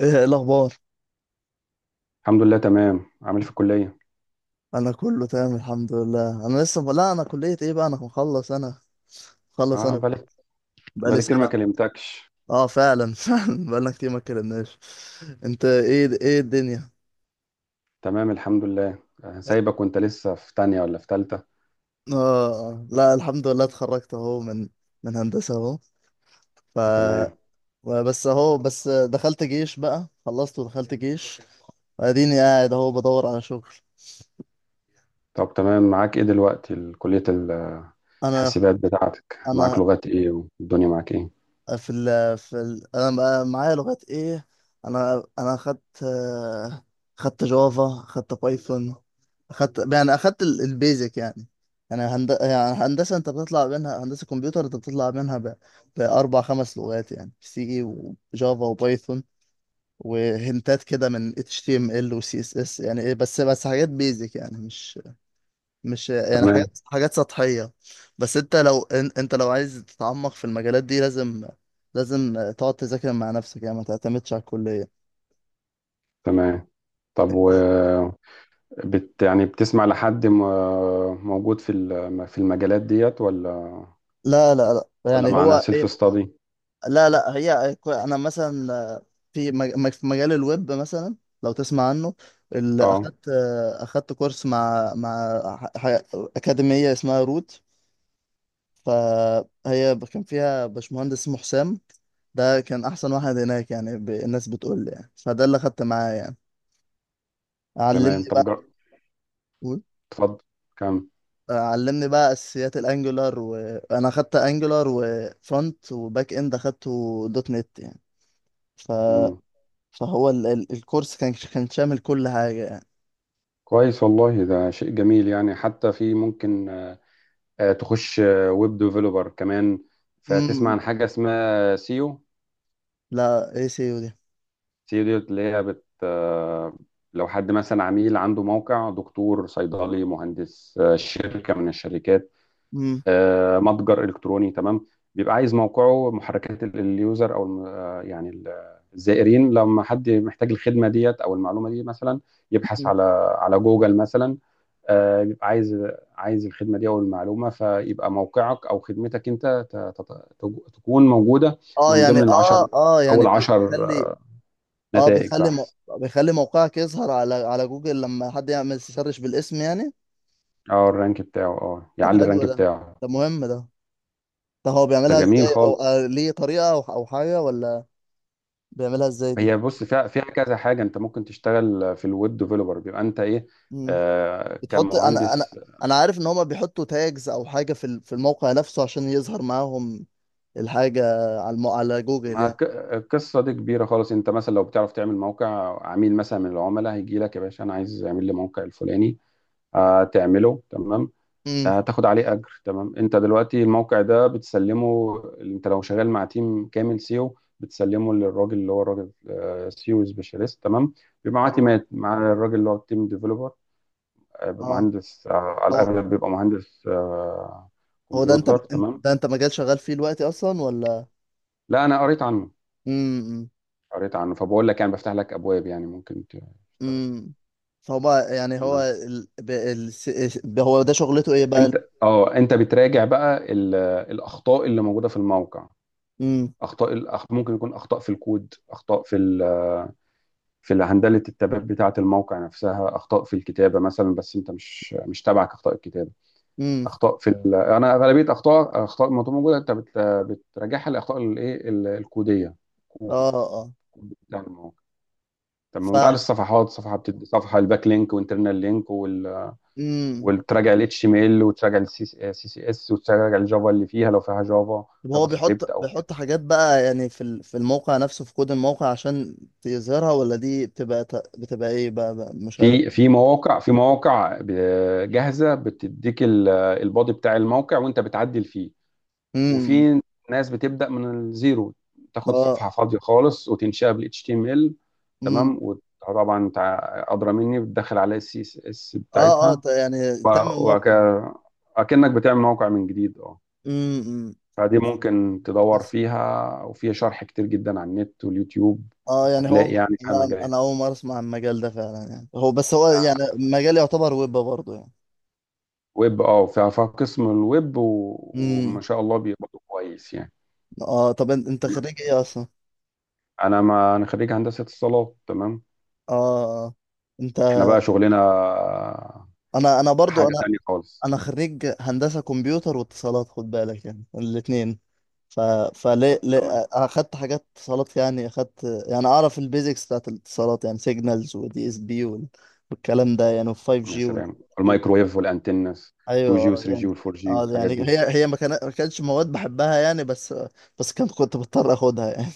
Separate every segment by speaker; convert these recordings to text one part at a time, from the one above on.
Speaker 1: ايه الاخبار؟
Speaker 2: الحمد لله تمام. عامل إيه في الكلية؟
Speaker 1: انا كله تمام الحمد لله. انا لسه لا انا كليه ايه بقى، انا مخلص، انا مخلص
Speaker 2: اه،
Speaker 1: انا
Speaker 2: بقالك
Speaker 1: بقى لي
Speaker 2: بقالي كتير ما
Speaker 1: سنه.
Speaker 2: كلمتكش.
Speaker 1: اه فعلا فعلا بقالنا كتير ما اتكلمناش. انت ايه، ايه الدنيا؟
Speaker 2: تمام الحمد لله. سايبك وانت لسه في تانية ولا في تالتة؟
Speaker 1: اه. آه. لا الحمد لله، اتخرجت اهو من هندسه اهو. ف
Speaker 2: تمام
Speaker 1: بس اهو، بس دخلت جيش بقى، خلصت ودخلت جيش، واديني قاعد اهو بدور على شغل.
Speaker 2: طب تمام. معاك ايه دلوقتي كلية
Speaker 1: انا
Speaker 2: الحاسبات بتاعتك؟ معاك
Speaker 1: انا
Speaker 2: لغات ايه والدنيا معاك ايه؟
Speaker 1: في ال في ال انا بقى معايا لغات ايه. انا خدت خدت جافا، خدت بايثون، خدت يعني اخدت البيزك يعني. يعني هندسه انت بتطلع منها، هندسه كمبيوتر انت بتطلع منها باربع خمس لغات، يعني سي وجافا وبايثون وهنتات كده من اتش تي ام ال وسي اس اس. يعني ايه، بس بس حاجات بيزك يعني، مش
Speaker 2: تمام
Speaker 1: حاجات، حاجات سطحية. بس انت لو انت لو عايز تتعمق في المجالات دي لازم، تقعد تذاكر مع نفسك، يعني ما تعتمدش على الكلية.
Speaker 2: تمام. طب و
Speaker 1: انت
Speaker 2: يعني بتسمع لحد موجود في المجالات ديت ولا
Speaker 1: لا لا لا.
Speaker 2: ولا،
Speaker 1: يعني
Speaker 2: معنا
Speaker 1: هو ايه،
Speaker 2: سيلف ستادي؟
Speaker 1: لا لا. انا مثلا في مجال الويب مثلا، لو تسمع عنه، اللي
Speaker 2: اه
Speaker 1: اخدت اخدت كورس مع ح- ح- اكاديمية اسمها روت. فهي كان فيها باشمهندس اسمه حسام، ده كان احسن واحد هناك يعني. الناس بتقول لي يعني، فده اللي خدت معاه يعني.
Speaker 2: تمام.
Speaker 1: علمني بقى. قول.
Speaker 2: اتفضل.
Speaker 1: علمني بقى اساسيات الانجولار. وانا خدت انجولار وفرونت وباك اند، اخدته دوت نت يعني. ف...
Speaker 2: كم؟
Speaker 1: فهو الكورس كان، كان شامل كل حاجه يعني.
Speaker 2: كويس والله، ده شيء جميل. يعني حتى في ممكن تخش ويب ديفلوبر كمان. فتسمع
Speaker 1: امم.
Speaker 2: عن حاجة اسمها سيو؟
Speaker 1: لا اي سي يو دي.
Speaker 2: سيو دي اللي هي بت آه، لو حد مثلا عميل عنده موقع، دكتور، صيدلي، مهندس، شركة من الشركات،
Speaker 1: امم.
Speaker 2: متجر إلكتروني، تمام؟ بيبقى عايز موقعه محركات اليوزر، أو الزائرين، لما حد محتاج الخدمة ديت أو المعلومة دي مثلا، يبحث على على جوجل مثلا. بيبقى عايز عايز الخدمه دي او المعلومه، فيبقى موقعك او خدمتك انت ت- ت- تكون موجوده
Speaker 1: اه
Speaker 2: من
Speaker 1: يعني،
Speaker 2: ضمن العشر،
Speaker 1: اه اه يعني
Speaker 2: اول عشر
Speaker 1: بيخلي، اه
Speaker 2: نتائج بحث.
Speaker 1: بيخلي موقعك يظهر على على جوجل لما حد يعمل سيرش بالاسم يعني.
Speaker 2: اه الرانك بتاعه، اه
Speaker 1: طب
Speaker 2: يعلي الرانك
Speaker 1: حلو ده،
Speaker 2: بتاعه.
Speaker 1: ده مهم ده. طب هو
Speaker 2: ده
Speaker 1: بيعملها
Speaker 2: جميل
Speaker 1: ازاي، او
Speaker 2: خالص.
Speaker 1: ليه طريقة او أو حاجة، ولا بيعملها ازاي دي؟
Speaker 2: هي بص، فيها فيها كذا حاجه. انت ممكن تشتغل في الويب ديفلوبر، بيبقى انت ايه،
Speaker 1: مم.
Speaker 2: آه
Speaker 1: بتحط انا انا
Speaker 2: كمهندس.
Speaker 1: انا عارف ان هما بيحطوا تاجز او حاجة في الموقع نفسه عشان يظهر معاهم الحاجة على جوجل
Speaker 2: ما
Speaker 1: يعني.
Speaker 2: ك- القصه دي كبيره خالص. انت مثلا لو بتعرف تعمل موقع، عميل مثلا من العملاء هيجي لك: يا باشا انا عايز اعمل لي موقع الفلاني، آه تعمله تمام،
Speaker 1: امم.
Speaker 2: هتاخد عليه اجر تمام. انت دلوقتي الموقع ده بتسلمه، انت لو شغال مع تيم كامل سيو بتسلمه للراجل اللي هو الراجل، سيو سبيشاليست تمام. بيبقى معاه
Speaker 1: اه
Speaker 2: تيمات مع الراجل اللي هو التيم ديفلوبر، بيبقى
Speaker 1: اه.
Speaker 2: مهندس على
Speaker 1: هو،
Speaker 2: الاغلب، بيبقى مهندس
Speaker 1: هو ده انت
Speaker 2: كمبيوتر تمام.
Speaker 1: ده انت مجال شغال فيه دلوقتي اصلا ولا؟
Speaker 2: لا انا قريت عنه
Speaker 1: امم.
Speaker 2: قريت عنه، فبقول لك يعني بفتح لك ابواب يعني ممكن تشتغل فيها.
Speaker 1: امم. فهو يعني، هو
Speaker 2: تمام.
Speaker 1: ال... ب... ال... س- س- هو ده شغلته ايه بقى؟
Speaker 2: انت اه انت بتراجع بقى الاخطاء اللي موجوده في الموقع.
Speaker 1: امم.
Speaker 2: ممكن يكون اخطاء في الكود، في هندلة التباب بتاعة الموقع نفسها، أخطاء في الكتابة مثلا، بس أنت مش تابعك أخطاء الكتابة.
Speaker 1: امم.
Speaker 2: أنا غالبية أخطاء ما موجودة أنت بتراجعها لأخطاء الإيه الكودية، كود
Speaker 1: اه اه.
Speaker 2: كود بتاع الموقع. طب
Speaker 1: ف
Speaker 2: ما أنت عارف الصفحات، صفحة بتدي صفحة، الباك لينك وانترنال لينك وال...
Speaker 1: امم.
Speaker 2: وتراجع ال HTML وتراجع ال CCS وتراجع الجافا اللي فيها لو فيها جافا،
Speaker 1: طب هو
Speaker 2: جافا سكريبت
Speaker 1: بيحط،
Speaker 2: أو كده.
Speaker 1: حاجات بقى يعني في الموقع نفسه، في كود الموقع عشان يظهرها، ولا دي بتبقى ايه بقى، بقى مش عارف.
Speaker 2: في مواقع، في مواقع جاهزة بتديك البادي بتاع الموقع وأنت بتعدل فيه،
Speaker 1: امم.
Speaker 2: وفي ناس بتبدا من الزيرو، تاخد
Speaker 1: اه.
Speaker 2: صفحه فاضيه خالص وتنشئها بال HTML.
Speaker 1: امم.
Speaker 2: تمام. وطبعا انت ادرى مني، بتدخل عليها السي اس اس
Speaker 1: اه اه.
Speaker 2: بتاعتها،
Speaker 1: يعني تعمل موقع.
Speaker 2: وكأنك بتعمل موقع من جديد. اه
Speaker 1: امم.
Speaker 2: فدي
Speaker 1: بس
Speaker 2: ممكن تدور
Speaker 1: بس
Speaker 2: فيها، وفيها شرح كتير جدا على النت واليوتيوب.
Speaker 1: اه يعني،
Speaker 2: هتلاقي
Speaker 1: هو
Speaker 2: يعني فيها
Speaker 1: لا انا
Speaker 2: مجالات
Speaker 1: اول مره اسمع عن المجال ده فعلا يعني. هو بس، هو يعني مجال يعتبر ويب برضه يعني.
Speaker 2: ويب، اه فيها فيها قسم الويب و وما
Speaker 1: امم.
Speaker 2: شاء الله بيقبضوا كويس يعني.
Speaker 1: اه طب انت
Speaker 2: تمام.
Speaker 1: خريج ايه اصلا؟
Speaker 2: انا ما انا خريج هندسه اتصالات تمام.
Speaker 1: اه. آه. انت،
Speaker 2: احنا بقى شغلنا
Speaker 1: انا برضو،
Speaker 2: حاجة
Speaker 1: انا
Speaker 2: تانية خالص.
Speaker 1: انا خريج هندسة كمبيوتر واتصالات، خد بالك يعني، الاتنين. ف فليه،
Speaker 2: طب
Speaker 1: ليه.
Speaker 2: تمام.
Speaker 1: انا اخدت حاجات اتصالات يعني، اخدت يعني اعرف البيزكس بتاعت الاتصالات يعني، سيجنالز ودي اس بي والكلام ده يعني، وال 5
Speaker 2: يا
Speaker 1: جي وال،
Speaker 2: سلام، الميكروويف والأنتنس،
Speaker 1: ايوه
Speaker 2: 2G و3G
Speaker 1: يعني،
Speaker 2: وال4G
Speaker 1: اه
Speaker 2: والحاجات
Speaker 1: يعني.
Speaker 2: دي.
Speaker 1: هي هي ما كان- ما كانتش مواد بحبها يعني، بس كنت بضطر اخدها يعني.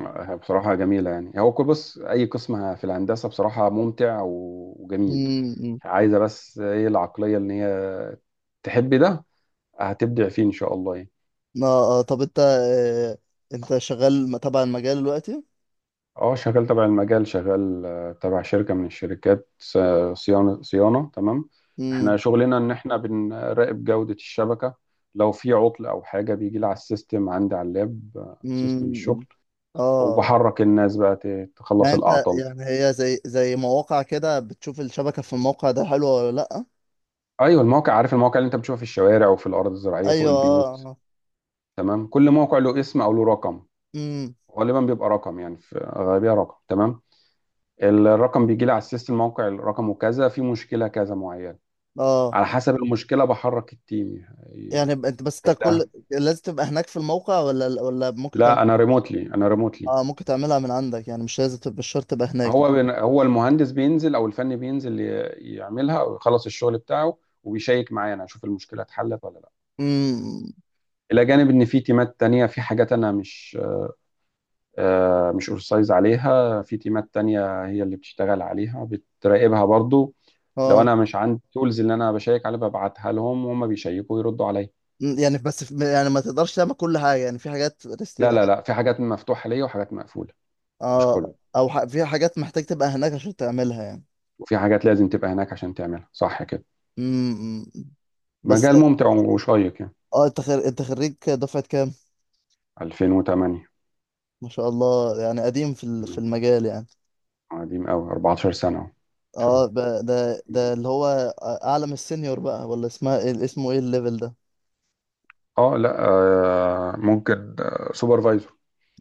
Speaker 2: بصراحة جميلة، يعني هو كل، بص، أي قسم في الهندسة بصراحة ممتع و وجميل عايزة بس إيه؟ العقلية إن هي تحب ده، هتبدع فيه إن شاء الله يعني.
Speaker 1: اه. آه، طب انت، انت شغال تبع المجال دلوقتي.
Speaker 2: اه شغال تبع المجال، شغال تبع شركة من الشركات، صيانة، صيانة تمام. احنا
Speaker 1: امم.
Speaker 2: شغلنا ان احنا بنراقب جودة الشبكة. لو في عطل او حاجة بيجي لي على السيستم عندي على اللاب، سيستم الشغل،
Speaker 1: امم. اه.
Speaker 2: وبحرك الناس بقى
Speaker 1: يعني
Speaker 2: تخلص
Speaker 1: انت،
Speaker 2: الاعطال.
Speaker 1: يعني هي زي، مواقع كده بتشوف الشبكة في الموقع ده حلوة ولا لأ.
Speaker 2: ايوه المواقع، عارف المواقع اللي انت بتشوفها في الشوارع وفي الارض الزراعية فوق
Speaker 1: ايوه.
Speaker 2: البيوت؟
Speaker 1: اه.
Speaker 2: تمام. كل موقع له اسم او له رقم،
Speaker 1: امم.
Speaker 2: غالبا بيبقى رقم يعني، في غالبية رقم تمام. الرقم بيجي لي على السيستم، موقع الرقم وكذا، في مشكلة كذا معينة،
Speaker 1: اه
Speaker 2: على حسب المشكله بحرك التيم.
Speaker 1: يعني، انت
Speaker 2: لا
Speaker 1: كل، لازم تبقى هناك في الموقع ولا، ولا ممكن تعمل.
Speaker 2: لا انا ريموتلي، انا ريموتلي.
Speaker 1: اه ممكن تعملها من عندك يعني، مش لازم تبقى، مش شرط تبقى هناك يعني.
Speaker 2: هو هو المهندس بينزل او الفني بينزل يعملها او يخلص الشغل بتاعه، وبيشيك معايا انا اشوف المشكله اتحلت ولا لا.
Speaker 1: امم.
Speaker 2: الى جانب ان في تيمات تانية، في حاجات انا مش، مش اورسايز عليها، في تيمات تانية هي اللي بتشتغل عليها، بتراقبها برضو. لو
Speaker 1: اه.
Speaker 2: انا مش عندي التولز اللي انا بشيك عليها، ببعتها لهم وهم بيشيكوا ويردوا عليا.
Speaker 1: أمم، يعني بس يعني ما تقدرش تعمل كل حاجة يعني، في حاجات.
Speaker 2: لا، في حاجات مفتوحه ليا وحاجات مقفوله، مش كله،
Speaker 1: اه، او في حاجات محتاج تبقى هناك عشان تعملها يعني.
Speaker 2: وفي حاجات لازم تبقى هناك عشان تعملها صح كده.
Speaker 1: امم. امم. بس
Speaker 2: مجال ممتع وشيق يعني.
Speaker 1: اه، انت انت خريج دفعة كام؟
Speaker 2: 2008.
Speaker 1: ما شاء الله، يعني قديم في المجال يعني.
Speaker 2: قديم قوي، 14 سنة اهو إن شاء
Speaker 1: اه.
Speaker 2: الله.
Speaker 1: ده اللي هو اعلى من السينيور بقى، ولا اسمها ايه، اسمه ايه الليفل ده؟
Speaker 2: اه لا، آه ممكن سوبرفايزر،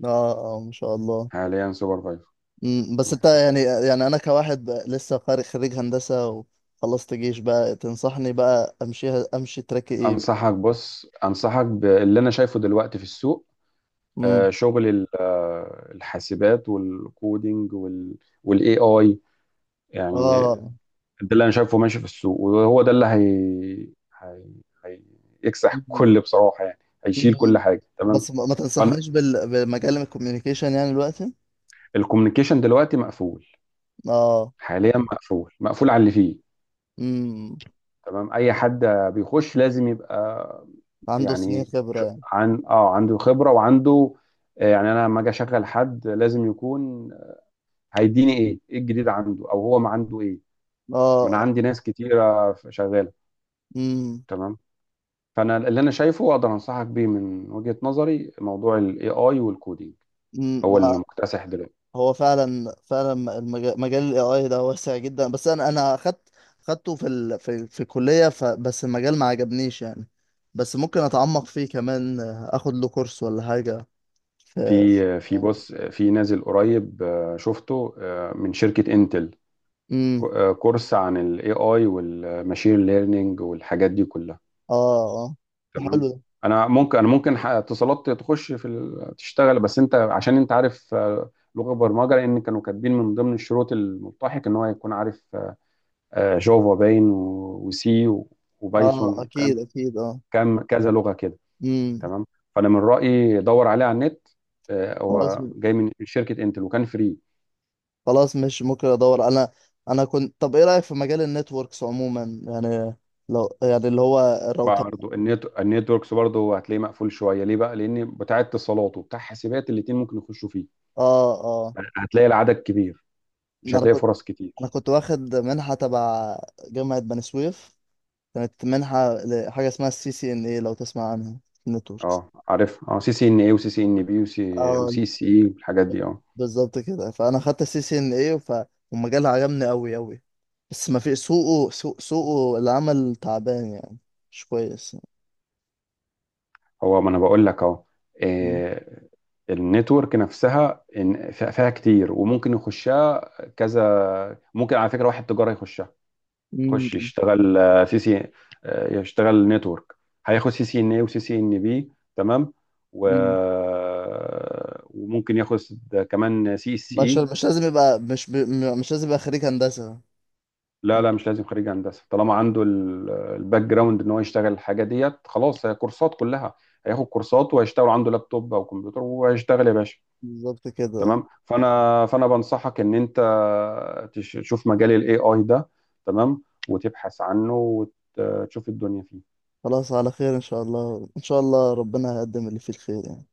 Speaker 1: اه اه ما شاء الله.
Speaker 2: حاليا سوبرفايزر.
Speaker 1: امم. بس انت يعني، يعني انا كواحد بقى لسه خارج خريج هندسة وخلصت جيش بقى، تنصحني بقى امشيها، امشي تراك ايه؟
Speaker 2: انصحك، بص، انصحك باللي انا شايفه دلوقتي في السوق.
Speaker 1: امم.
Speaker 2: آه شغل الحاسبات والكودينج والاي اي يعني.
Speaker 1: اه.
Speaker 2: ده اللي انا شايفه ماشي في السوق، وهو ده اللي هي هيكسح كل بصراحه يعني، هيشيل كل
Speaker 1: مم.
Speaker 2: حاجه تمام.
Speaker 1: بس ما ما
Speaker 2: فانا
Speaker 1: تنصحنيش بمجال الكوميونيكيشن يعني دلوقتي.
Speaker 2: الكوميونيكيشن دلوقتي مقفول،
Speaker 1: اه.
Speaker 2: حاليا مقفول، مقفول على اللي فيه.
Speaker 1: امم.
Speaker 2: تمام. اي حد بيخش لازم يبقى،
Speaker 1: عنده سنين
Speaker 2: يعني
Speaker 1: خبرة
Speaker 2: ش-
Speaker 1: يعني.
Speaker 2: عن اه عنده خبره وعنده، يعني انا لما اجي اشغل حد لازم يكون هيديني ايه، ايه الجديد عنده او هو ما عنده ايه، ما انا
Speaker 1: اه.
Speaker 2: عندي ناس كتيره شغاله
Speaker 1: امم.
Speaker 2: تمام. فانا اللي انا شايفه واقدر انصحك بيه من وجهة نظري موضوع الاي اي والكودينج،
Speaker 1: امم.
Speaker 2: هو اللي مكتسح دلوقتي.
Speaker 1: هو فعلا، فعلا المجال، مجال الاي اي ده واسع جدا. بس انا، اخدت خدته في في الكلية، بس المجال ما عجبنيش يعني. بس ممكن اتعمق فيه كمان، اخد له كورس ولا حاجة. في
Speaker 2: في نازل قريب، شفته، من شركة انتل،
Speaker 1: امم.
Speaker 2: كورس عن الاي اي والماشين ليرنينج والحاجات دي كلها
Speaker 1: اه اه
Speaker 2: تمام.
Speaker 1: حلو ده.
Speaker 2: انا ممكن، انا ممكن، اتصالات تخش تشتغل، بس انت عشان انت عارف، لغة برمجة. لان كانوا كاتبين من ضمن الشروط الملتحق ان هو يكون عارف جافا باين وسي وبايثون
Speaker 1: اه اكيد
Speaker 2: والكلام،
Speaker 1: اكيد اه.
Speaker 2: كام كذا لغه كده
Speaker 1: امم.
Speaker 2: تمام. فانا من رايي دور عليه على النت،
Speaker 1: خلاص،
Speaker 2: هو جاي من شركه انتل وكان فري.
Speaker 1: خلاص مش ممكن ادور انا. انا كنت طب ايه رايك في مجال النتوركس عموما يعني، لو يعني اللي هو الراوتر.
Speaker 2: برضه النت، النتوركس برضه هتلاقيه مقفول شويه. ليه بقى؟ لان بتاع اتصالات وبتاع حاسبات الاثنين ممكن يخشوا فيه،
Speaker 1: اه اه.
Speaker 2: هتلاقي العدد كبير، مش
Speaker 1: انا
Speaker 2: هتلاقي
Speaker 1: كنت
Speaker 2: فرص
Speaker 1: انا
Speaker 2: كتير.
Speaker 1: كنت واخد منحه تبع جامعه بني سويف، كانت منحه لحاجه اسمها السي سي ان اي، لو تسمع عنها، النتوركس.
Speaker 2: اه عارف، اه سي سي ان اي وسي سي ان بي وسي،
Speaker 1: اه
Speaker 2: وسي سي اي والحاجات دي اه.
Speaker 1: بالظبط كده. فانا خدت السي سي ان اي، والمجال عجبني قوي قوي. بس ما في سوقه، سوقه العمل تعبان يعني، مش كويس.
Speaker 2: هو ما انا بقول لك اهو،
Speaker 1: مم.
Speaker 2: آه، النتورك نفسها فيها فيها كتير وممكن يخشها. كذا ممكن، على فكره، واحد تجاره يخشها، خش يشتغل، آه، سي سي آه، يشتغل نتورك، هياخد سي سي ان اي وسي سي ان بي تمام. و...
Speaker 1: مم.
Speaker 2: وممكن ياخد كمان سي اس
Speaker 1: بشر
Speaker 2: اي.
Speaker 1: مش لازم يبقى، مش مش لازم يبقى خريج هندسة.
Speaker 2: لا مش لازم خريج هندسه، طالما عنده الباك جراوند ان هو يشتغل الحاجه ديت خلاص، هي كورسات كلها، هياخد كورسات وهيشتغل عنده لابتوب او كمبيوتر وهيشتغل يا باشا.
Speaker 1: بالظبط كده.
Speaker 2: تمام. فانا بنصحك ان انت تشوف مجال الاي اي ده تمام، وتبحث عنه، وتشوف الدنيا فيه
Speaker 1: خلاص، على خير إن شاء الله، إن شاء الله ربنا هيقدم اللي فيه الخير يعني.